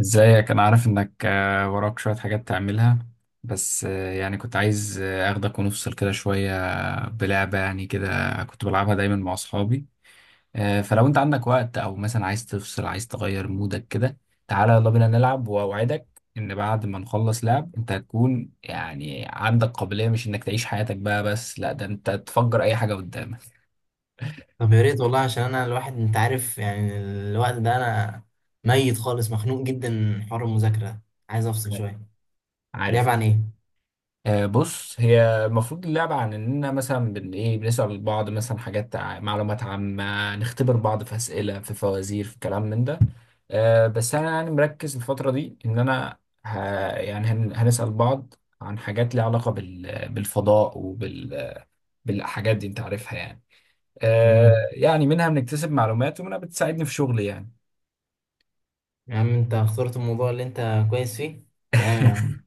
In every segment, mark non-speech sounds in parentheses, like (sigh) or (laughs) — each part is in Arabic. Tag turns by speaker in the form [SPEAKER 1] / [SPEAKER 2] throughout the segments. [SPEAKER 1] ازيك، انا عارف انك وراك شوية حاجات تعملها. بس يعني كنت عايز اخدك ونفصل كده شوية. بلعبة يعني كده، كنت بلعبها دايما مع اصحابي. فلو انت عندك وقت او مثلا عايز تفصل، عايز تغير مودك كده، تعالى يلا بينا نلعب، واوعدك ان بعد ما نخلص لعب انت هتكون يعني عندك قابلية مش انك تعيش حياتك بقى، بس لا ده انت تفجر اي حاجة قدامك.
[SPEAKER 2] طب، يا ريت والله، عشان انا الواحد، انت عارف، يعني الوقت ده انا ميت خالص، مخنوق جدا من حوار المذاكرة ده. عايز افصل شوية.
[SPEAKER 1] عارف،
[SPEAKER 2] اللعب عن ايه؟
[SPEAKER 1] بص هي المفروض اللعبة عن إننا مثلا بن إيه بنسأل بعض مثلا حاجات معلومات عامة، نختبر بعض في أسئلة، في فوازير، في كلام من ده. بس أنا يعني مركز الفترة دي إن أنا ه... يعني هنسأل بعض عن حاجات ليها علاقة بالفضاء بالحاجات دي، أنت عارفها يعني.
[SPEAKER 2] امم.
[SPEAKER 1] يعني منها بنكتسب معلومات ومنها بتساعدني في شغلي يعني.
[SPEAKER 2] يا عم، انت اخترت الموضوع اللي انت كويس فيه. تمام يا عم.
[SPEAKER 1] (laughs)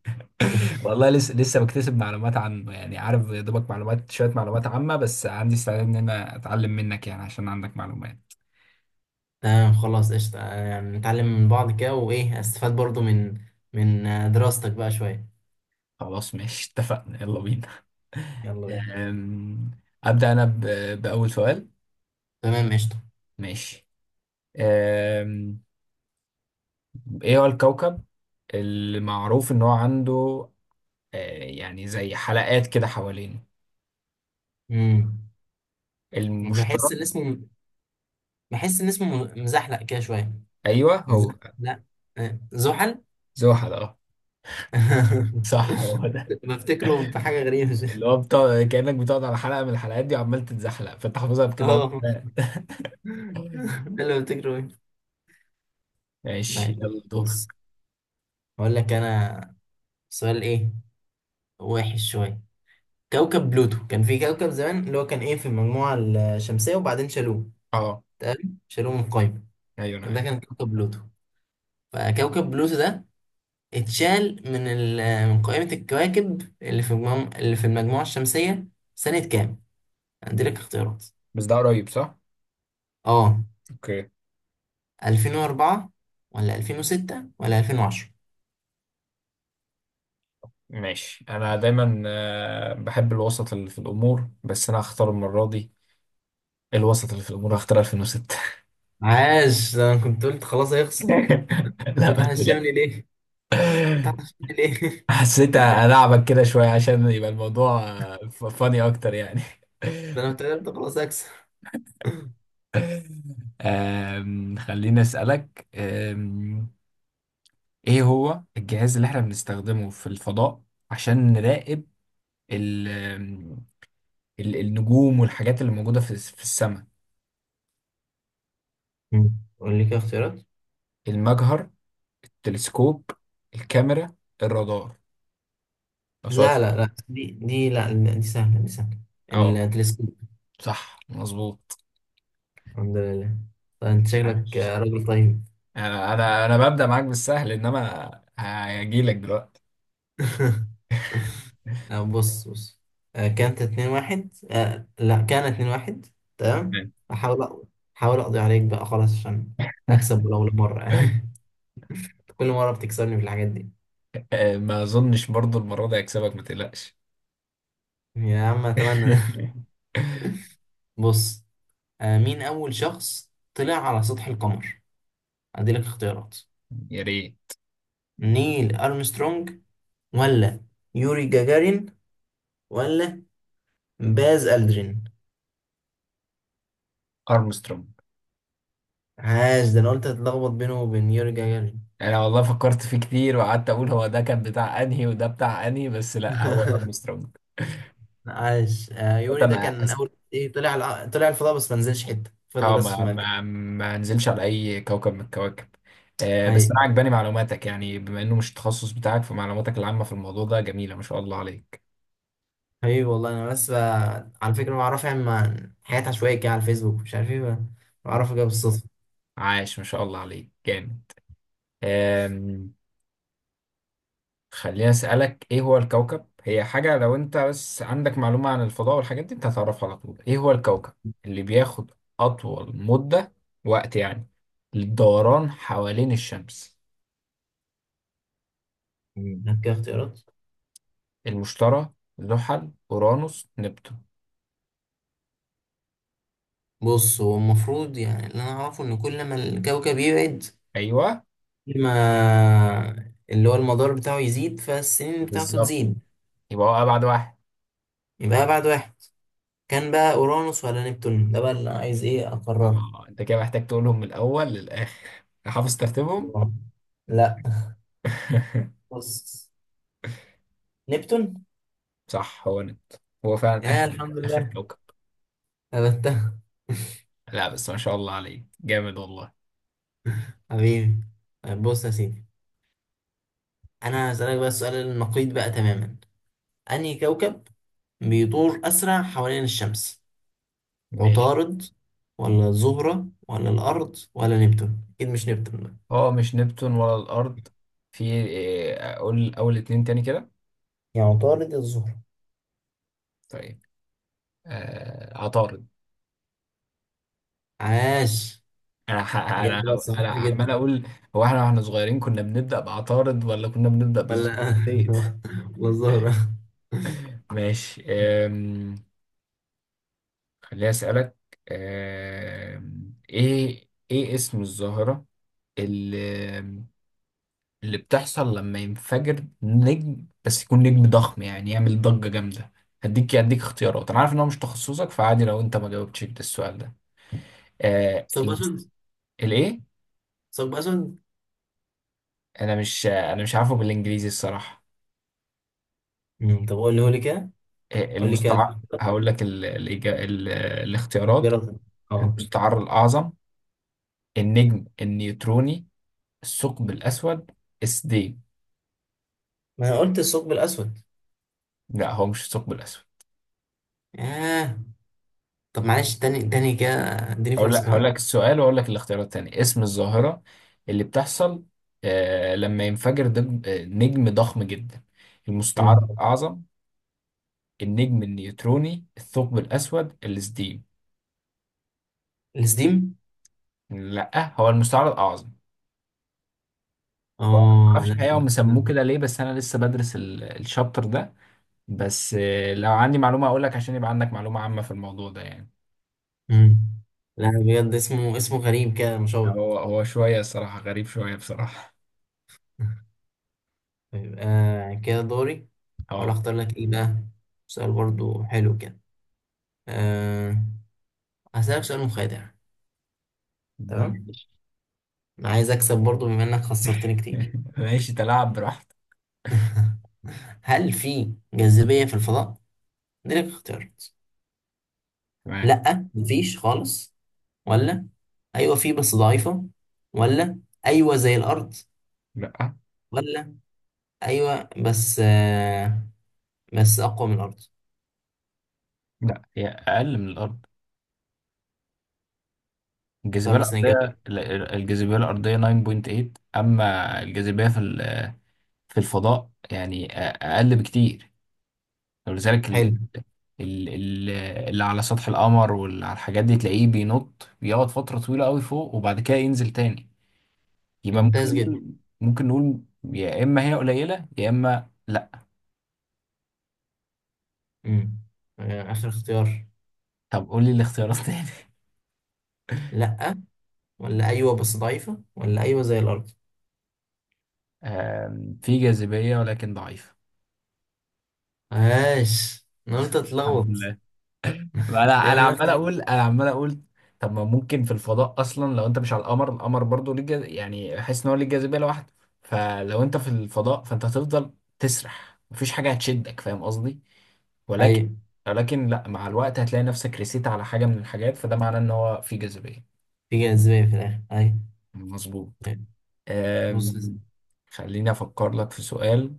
[SPEAKER 2] (laughs)
[SPEAKER 1] والله لسه بكتسب معلومات عنه، يعني عارف يا دوبك معلومات، شوية معلومات عامة، بس عندي استعداد إن أنا أتعلم منك يعني، عشان عندك معلومات.
[SPEAKER 2] تمام، خلاص قشطة، يعني نتعلم من بعض كده. وايه استفاد برضو من دراستك بقى شوية؟
[SPEAKER 1] خلاص ماشي، اتفقنا، يلا بينا.
[SPEAKER 2] يلا بينا.
[SPEAKER 1] أم، أبدأ أنا بأول سؤال.
[SPEAKER 2] تمام قشطة.
[SPEAKER 1] ماشي. أم، إيه هو الكوكب اللي معروف إن هو عنده آه، يعني زي حلقات كده حوالينه؟
[SPEAKER 2] امم. بحس
[SPEAKER 1] المشتري؟
[SPEAKER 2] ان اسمه بحس ان اسمه مزحلق كده شوية.
[SPEAKER 1] أيوه هو
[SPEAKER 2] مزحلق. زحل.
[SPEAKER 1] زحل، أه.
[SPEAKER 2] (laughs)
[SPEAKER 1] صح هو
[SPEAKER 2] بفتكره بحاجة غريبة.
[SPEAKER 1] اللي هو بتقعد كأنك بتقعد على حلقة من الحلقات دي وعمال تتزحلق، فانت حافظها
[SPEAKER 2] (laughs)
[SPEAKER 1] بكده وأنت-
[SPEAKER 2] اه،
[SPEAKER 1] لا.
[SPEAKER 2] ده اللي بفتكره ايه.
[SPEAKER 1] ماشي
[SPEAKER 2] طيب
[SPEAKER 1] يلا دور.
[SPEAKER 2] بص، هقول لك انا سؤال. ايه وحش شوية. كوكب بلوتو، كان في كوكب زمان اللي هو كان ايه، في المجموعة الشمسية، وبعدين شالوه.
[SPEAKER 1] اه،
[SPEAKER 2] تمام، شالوه من القايمة.
[SPEAKER 1] ايوه انا
[SPEAKER 2] ده
[SPEAKER 1] عارف.
[SPEAKER 2] كان كوكب بلوتو. فكوكب بلوتو ده اتشال من قائمة الكواكب اللي في المجموعة الشمسية، سنة كام؟ هديلك اختيارات.
[SPEAKER 1] بس ده قريب، صح؟
[SPEAKER 2] اه،
[SPEAKER 1] اوكي.
[SPEAKER 2] 2004 ولا 2006 ولا 2010؟
[SPEAKER 1] ماشي، انا دايما بحب الوسط اللي في الامور، بس انا هختار المرة دي الوسط اللي في الامور، هختار 2006.
[SPEAKER 2] عاش، ده انا كنت قلت خلاص هيخسر.
[SPEAKER 1] (laughs) لا ما
[SPEAKER 2] فتح
[SPEAKER 1] تقلقش.
[SPEAKER 2] الشمل ليه، فتح الشمل ليه. (laughs)
[SPEAKER 1] حسيت ألعبك كده شوية عشان يبقى الموضوع فاني أكتر يعني. (laughs)
[SPEAKER 2] ده انا افتكرت خلاص هكسب.
[SPEAKER 1] خليني أسألك، ايه هو الجهاز اللي احنا بنستخدمه في الفضاء عشان نراقب ال ال النجوم والحاجات اللي موجودة في السماء؟
[SPEAKER 2] قول لي كده اختيارات.
[SPEAKER 1] المجهر، التلسكوب، الكاميرا، الرادار. لو سؤال
[SPEAKER 2] لا
[SPEAKER 1] سهل.
[SPEAKER 2] لا لا، دي لا لا، دي سهلة دي سهلة.
[SPEAKER 1] اه،
[SPEAKER 2] التلسكوب.
[SPEAKER 1] صح مظبوط.
[SPEAKER 2] الحمد لله. طيب انت شكلك
[SPEAKER 1] عاش،
[SPEAKER 2] راجل طيب.
[SPEAKER 1] انا ببدأ معاك بالسهل، انما هجيلك دلوقتي.
[SPEAKER 2] (laughs) لا، بص بص. كانت اتنين واحد، لا، كانت اتنين واحد. تمام.
[SPEAKER 1] تمام.
[SPEAKER 2] احاول احاول اقضي عليك بقى خلاص، عشان اكسب
[SPEAKER 1] (laughs)
[SPEAKER 2] ولو مرة. (laughs) كل مرة بتكسرني في الحاجات دي.
[SPEAKER 1] ما اظنش برضو المرة دي هكسبك، ما تقلقش.
[SPEAKER 2] يا عم أتمنى ده. (laughs)
[SPEAKER 1] (laughs)
[SPEAKER 2] بص، مين أول شخص طلع على سطح القمر؟ أديلك اختيارات.
[SPEAKER 1] يا ريت.
[SPEAKER 2] نيل أرمسترونج، ولا يوري جاجارين، ولا باز ألدرين.
[SPEAKER 1] ارمسترونج.
[SPEAKER 2] عاش، ده أنا قلت هتلخبط بينه وبين يوري جاجارين.
[SPEAKER 1] يعني انا والله فكرت فيه كتير، وقعدت اقول هو ده كان بتاع انهي وده بتاع انهي، بس لا هو
[SPEAKER 2] (laughs)
[SPEAKER 1] ارمسترونج.
[SPEAKER 2] عاش.
[SPEAKER 1] بس
[SPEAKER 2] يوري ده
[SPEAKER 1] انا
[SPEAKER 2] كان أول إيه، طلع طلع الفضاء بس ما نزلش حتة، فضل
[SPEAKER 1] اه،
[SPEAKER 2] بس في مركز.
[SPEAKER 1] ما نزلش على اي كوكب من الكواكب. آه بس انا
[SPEAKER 2] أيوة.
[SPEAKER 1] عجباني معلوماتك، يعني بما انه مش التخصص بتاعك، فمعلوماتك العامة في الموضوع ده جميلة، ما شاء الله عليك.
[SPEAKER 2] حبيبي والله. أنا بس بقى، على فكرة، مع رافع عن حاجات عشوائية كده على الفيسبوك، مش عارف إيه بقى.
[SPEAKER 1] مم.
[SPEAKER 2] بعرفك كده بالصدفة.
[SPEAKER 1] عاش، ما شاء الله عليك جامد. آم، خليني اسالك، ايه هو الكوكب، هي حاجه لو انت بس عندك معلومه عن الفضاء والحاجات دي انت هتعرفها على طول. ايه هو الكوكب اللي بياخد اطول مده، وقت يعني، للدوران حوالين الشمس؟
[SPEAKER 2] هات كده اختيارات.
[SPEAKER 1] المشتري، زحل، اورانوس، نبتون.
[SPEAKER 2] بص، هو المفروض يعني اللي انا اعرفه، ان كل ما الكوكب يبعد،
[SPEAKER 1] ايوه،
[SPEAKER 2] كل ما اللي هو المدار بتاعه يزيد، فالسنين بتاعته
[SPEAKER 1] بالظبط،
[SPEAKER 2] تزيد.
[SPEAKER 1] يبقى هو ابعد واحد.
[SPEAKER 2] يبقى ابعد واحد. كان بقى اورانوس ولا نبتون ده بقى، اللي أنا عايز ايه اقرره.
[SPEAKER 1] اه انت كده محتاج تقولهم من الاول للاخر، حافظ ترتيبهم.
[SPEAKER 2] آه. لا،
[SPEAKER 1] (laughs)
[SPEAKER 2] بص، نبتون.
[SPEAKER 1] صح هو نبتون، هو فعلا
[SPEAKER 2] يا
[SPEAKER 1] اخر،
[SPEAKER 2] الحمد
[SPEAKER 1] اخر
[SPEAKER 2] لله.
[SPEAKER 1] كوكب.
[SPEAKER 2] ثبتها.
[SPEAKER 1] لا بس ما شاء الله عليه جامد والله.
[SPEAKER 2] حبيبي. طيب بص يا سيدي، انا هسألك بقى السؤال النقيض بقى تماما. انهي كوكب بيدور اسرع حوالين الشمس؟
[SPEAKER 1] ماشي.
[SPEAKER 2] عطارد، ولا الزهرة، ولا الأرض، ولا نبتون؟ أكيد مش نبتون بقى.
[SPEAKER 1] هو مش نبتون ولا الأرض. في إيه، أقول أول اتنين تاني كده.
[SPEAKER 2] يا عطارد يا الزهرة.
[SPEAKER 1] طيب، آه عطارد.
[SPEAKER 2] عاش.
[SPEAKER 1] أنا
[SPEAKER 2] إجابة
[SPEAKER 1] أنا
[SPEAKER 2] صحيحة
[SPEAKER 1] عمال
[SPEAKER 2] جدا.
[SPEAKER 1] أقول، هو إحنا وإحنا صغيرين كنا بنبدأ بعطارد ولا كنا بنبدأ
[SPEAKER 2] ولا
[SPEAKER 1] بالزبديت؟
[SPEAKER 2] (laughs) ولا الزهرة.
[SPEAKER 1] (laughs) ماشي، خليني أسألك، إيه اسم الظاهرة اللي اللي بتحصل لما ينفجر نجم، بس يكون نجم ضخم، يعني يعمل ضجة جامدة؟ هديك اختيارات، انا عارف ان هو مش تخصصك فعادي لو انت ما جاوبتش ده السؤال ده. آه
[SPEAKER 2] ثقب
[SPEAKER 1] المس-
[SPEAKER 2] أسود.
[SPEAKER 1] الايه؟
[SPEAKER 2] ثقب أسود.
[SPEAKER 1] انا مش عارفه بالانجليزي الصراحة.
[SPEAKER 2] طب قول لي، قول لي كده.
[SPEAKER 1] آه
[SPEAKER 2] قول لي كده
[SPEAKER 1] المستعار، هقول لك الاختيارات:
[SPEAKER 2] الاختيارات. اه.
[SPEAKER 1] المستعر الاعظم، النجم النيوتروني، الثقب الاسود، السديم.
[SPEAKER 2] ما انا قلت الثقب الاسود.
[SPEAKER 1] لا هو مش الثقب الاسود.
[SPEAKER 2] ياه. طب معلش، تاني تاني كده، اديني فرصة
[SPEAKER 1] هقول
[SPEAKER 2] كمان.
[SPEAKER 1] لك السؤال واقول لك الاختيارات التانية. اسم الظاهرة اللي بتحصل آه لما ينفجر نجم ضخم جدا. المستعر
[SPEAKER 2] مم.
[SPEAKER 1] الأعظم، النجم النيوتروني، الثقب الأسود، السديم.
[SPEAKER 2] السديم.
[SPEAKER 1] لا هو المستعر الأعظم. هو أنا ما
[SPEAKER 2] اه لا
[SPEAKER 1] اعرفش الحقيقة هم
[SPEAKER 2] لا
[SPEAKER 1] سموه
[SPEAKER 2] لا.
[SPEAKER 1] كده ليه، بس أنا لسه بدرس الشابتر ده، بس آه لو عندي معلومة أقول لك عشان يبقى عندك معلومة عامة في الموضوع ده يعني.
[SPEAKER 2] مم. لا بجد، اسمه غريب كده، مشوق.
[SPEAKER 1] هو هو شوية الصراحة، غريب شوية بصراحة.
[SPEAKER 2] (laughs) يبقى كده دوري. احاول
[SPEAKER 1] اه،
[SPEAKER 2] اختار لك ايه بقى. سؤال برضو حلو كده. أه، هسألك سؤال مخادع. تمام.
[SPEAKER 1] ماشي.
[SPEAKER 2] انا عايز اكسب برضو، بما انك خسرتني كتير.
[SPEAKER 1] (laughs) ماشي تلاعب براحتك.
[SPEAKER 2] (laughs) هل في جاذبية في الفضاء؟ دي لك اختيارات.
[SPEAKER 1] تمام.
[SPEAKER 2] لا، مفيش خالص، ولا ايوه في بس ضعيفة، ولا ايوه زي الارض،
[SPEAKER 1] لا،
[SPEAKER 2] ولا ايوه بس اقوى من الارض.
[SPEAKER 1] لا، هي اقل من الارض،
[SPEAKER 2] اختار
[SPEAKER 1] الجاذبيه
[SPEAKER 2] مثلا اجابة.
[SPEAKER 1] الارضيه. الجاذبيه الارضيه 9.8، اما الجاذبيه في الفضاء يعني اقل بكتير، ولذلك
[SPEAKER 2] حلو.
[SPEAKER 1] ال- اللي على سطح القمر واللي على الحاجات دي تلاقيه بينط، بيقعد فتره طويله قوي فوق وبعد كده ينزل تاني. يبقى ممكن
[SPEAKER 2] ممتاز جدا.
[SPEAKER 1] نقول، ممكن نقول يا اما هي قليله يا اما لا.
[SPEAKER 2] مم. اخر اختيار.
[SPEAKER 1] طب قول لي الاختيارات تاني. (laughs)
[SPEAKER 2] لا، ولا أيوة بس ضعيفة، ولا أيوة زي الأرض.
[SPEAKER 1] في جاذبيه ولكن ضعيفه.
[SPEAKER 2] عاش، أنا قلت
[SPEAKER 1] الحمد
[SPEAKER 2] أتلخبط.
[SPEAKER 1] لله.
[SPEAKER 2] دايما الناس لما-
[SPEAKER 1] انا عمال اقول. طب ما ممكن في الفضاء اصلا لو انت مش على القمر. القمر برضه ليه يعني احس ان هو ليه جاذبيه لوحده، فلو انت في الفضاء فانت هتفضل تسرح، مفيش حاجه هتشدك، فاهم قصدي؟ ولكن
[SPEAKER 2] أيوة،
[SPEAKER 1] ولكن لا، مع الوقت هتلاقي نفسك رسيت على حاجه من الحاجات، فده معناه ان هو في جاذبيه.
[SPEAKER 2] في جاذبية في الآخر، أيوة.
[SPEAKER 1] مظبوط.
[SPEAKER 2] أيوة. بص يا سيدي،
[SPEAKER 1] أم... خليني افكر لك في سؤال،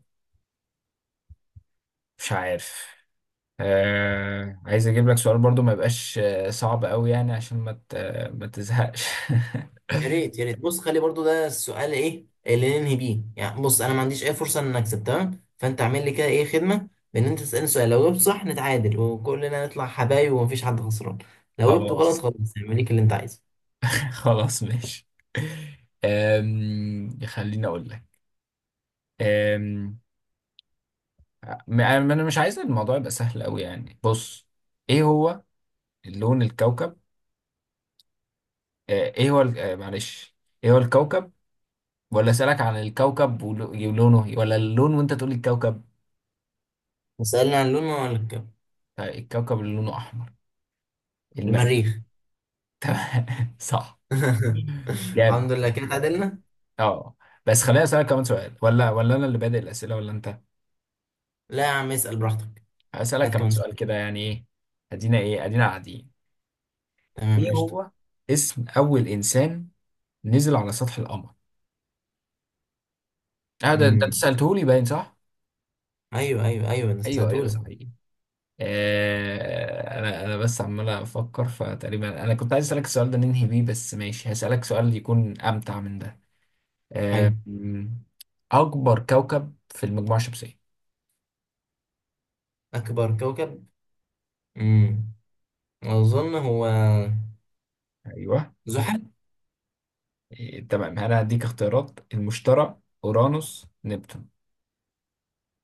[SPEAKER 1] مش عارف، آه عايز اجيب لك سؤال برضو ما يبقاش صعب قوي يعني عشان ما تزهقش.
[SPEAKER 2] يا ريت
[SPEAKER 1] (laughs)
[SPEAKER 2] يا ريت، بص، خلي برضو ده السؤال إيه اللي ننهي بيه، يعني بص أنا ما عنديش أي فرصة إن أكسب، تمام؟ فأنت اعمل لي كده إيه، خدمة، بإن أنت تسألني سؤال، لو جبت صح نتعادل وكلنا نطلع حبايب ومفيش حد خسران. لو جبته غلط
[SPEAKER 1] خلاص.
[SPEAKER 2] خلاص، اعمل ليك اللي أنت عايزه.
[SPEAKER 1] (laughs) خلاص ماشي. خليني اقول لك، آم، انا مش عايز الموضوع يبقى سهل قوي يعني. بص، ايه هو لون الكوكب، ايه هو معلش، ايه هو الكوكب، ولا اسالك عن الكوكب ولونه ولا اللون وانت تقول لي الكوكب؟
[SPEAKER 2] وسألنا عن لون ولا؟
[SPEAKER 1] الكوكب اللي لونه احمر. المريخ.
[SPEAKER 2] المريخ.
[SPEAKER 1] (laughs) تمام صح.
[SPEAKER 2] (laughs)
[SPEAKER 1] جامد.
[SPEAKER 2] الحمد لله، كده اتعادلنا.
[SPEAKER 1] اه بس خليني اسالك كمان سؤال. ولا انا اللي بادئ الاسئله ولا انت؟
[SPEAKER 2] لا يا عم اسأل براحتك.
[SPEAKER 1] هسالك
[SPEAKER 2] هات
[SPEAKER 1] كمان
[SPEAKER 2] كمان.
[SPEAKER 1] سؤال كده، يعني ايه ادينا، ايه ادينا قاعدين. ايه
[SPEAKER 2] تمام قشطة.
[SPEAKER 1] هو اسم اول انسان نزل على سطح القمر؟ اه ده انت
[SPEAKER 2] امم.
[SPEAKER 1] سالته لي، باين صح.
[SPEAKER 2] ايوه ايوه ايوه، انا
[SPEAKER 1] ايوه ايوه
[SPEAKER 2] سألتهولك.
[SPEAKER 1] صحيح. آه انا بس عمال افكر، فتقريبا انا كنت عايز اسالك السؤال ده ننهي بيه، بس ماشي هسالك سؤال يكون امتع من ده.
[SPEAKER 2] حلو.
[SPEAKER 1] آه م- اكبر كوكب في المجموعه الشمسيه.
[SPEAKER 2] اكبر كوكب. امم اظن هو
[SPEAKER 1] ايوه،
[SPEAKER 2] زحل.
[SPEAKER 1] إيه، تمام انا هديك اختيارات: المشتري، اورانوس، نبتون.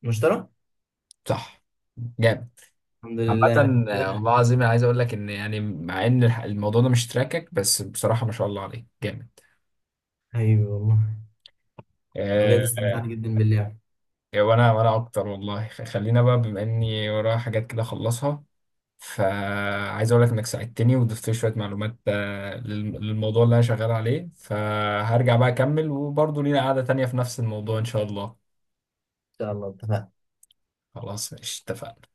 [SPEAKER 2] المشتري.
[SPEAKER 1] صح، جامد.
[SPEAKER 2] الحمد لله
[SPEAKER 1] عامة،
[SPEAKER 2] كده.
[SPEAKER 1] والله العظيم أنا عايز اقول لك ان يعني مع ان الموضوع ده مش تراكك، بس بصراحة ما شاء الله عليك جامد.
[SPEAKER 2] حبيبي والله. انا بجد
[SPEAKER 1] أه.
[SPEAKER 2] استمتعت جدا باللعب. ان
[SPEAKER 1] وانا اكتر والله. خلينا بقى بما اني ورايا حاجات كده اخلصها، فعايز اقول لك انك ساعدتني وضفت لي شوية معلومات للموضوع اللي انا شغال عليه، فهرجع بقى اكمل، وبرضه لينا قعدة تانية في نفس الموضوع ان شاء الله.
[SPEAKER 2] شاء الله اتفقنا.
[SPEAKER 1] خلاص ماشي اتفقنا.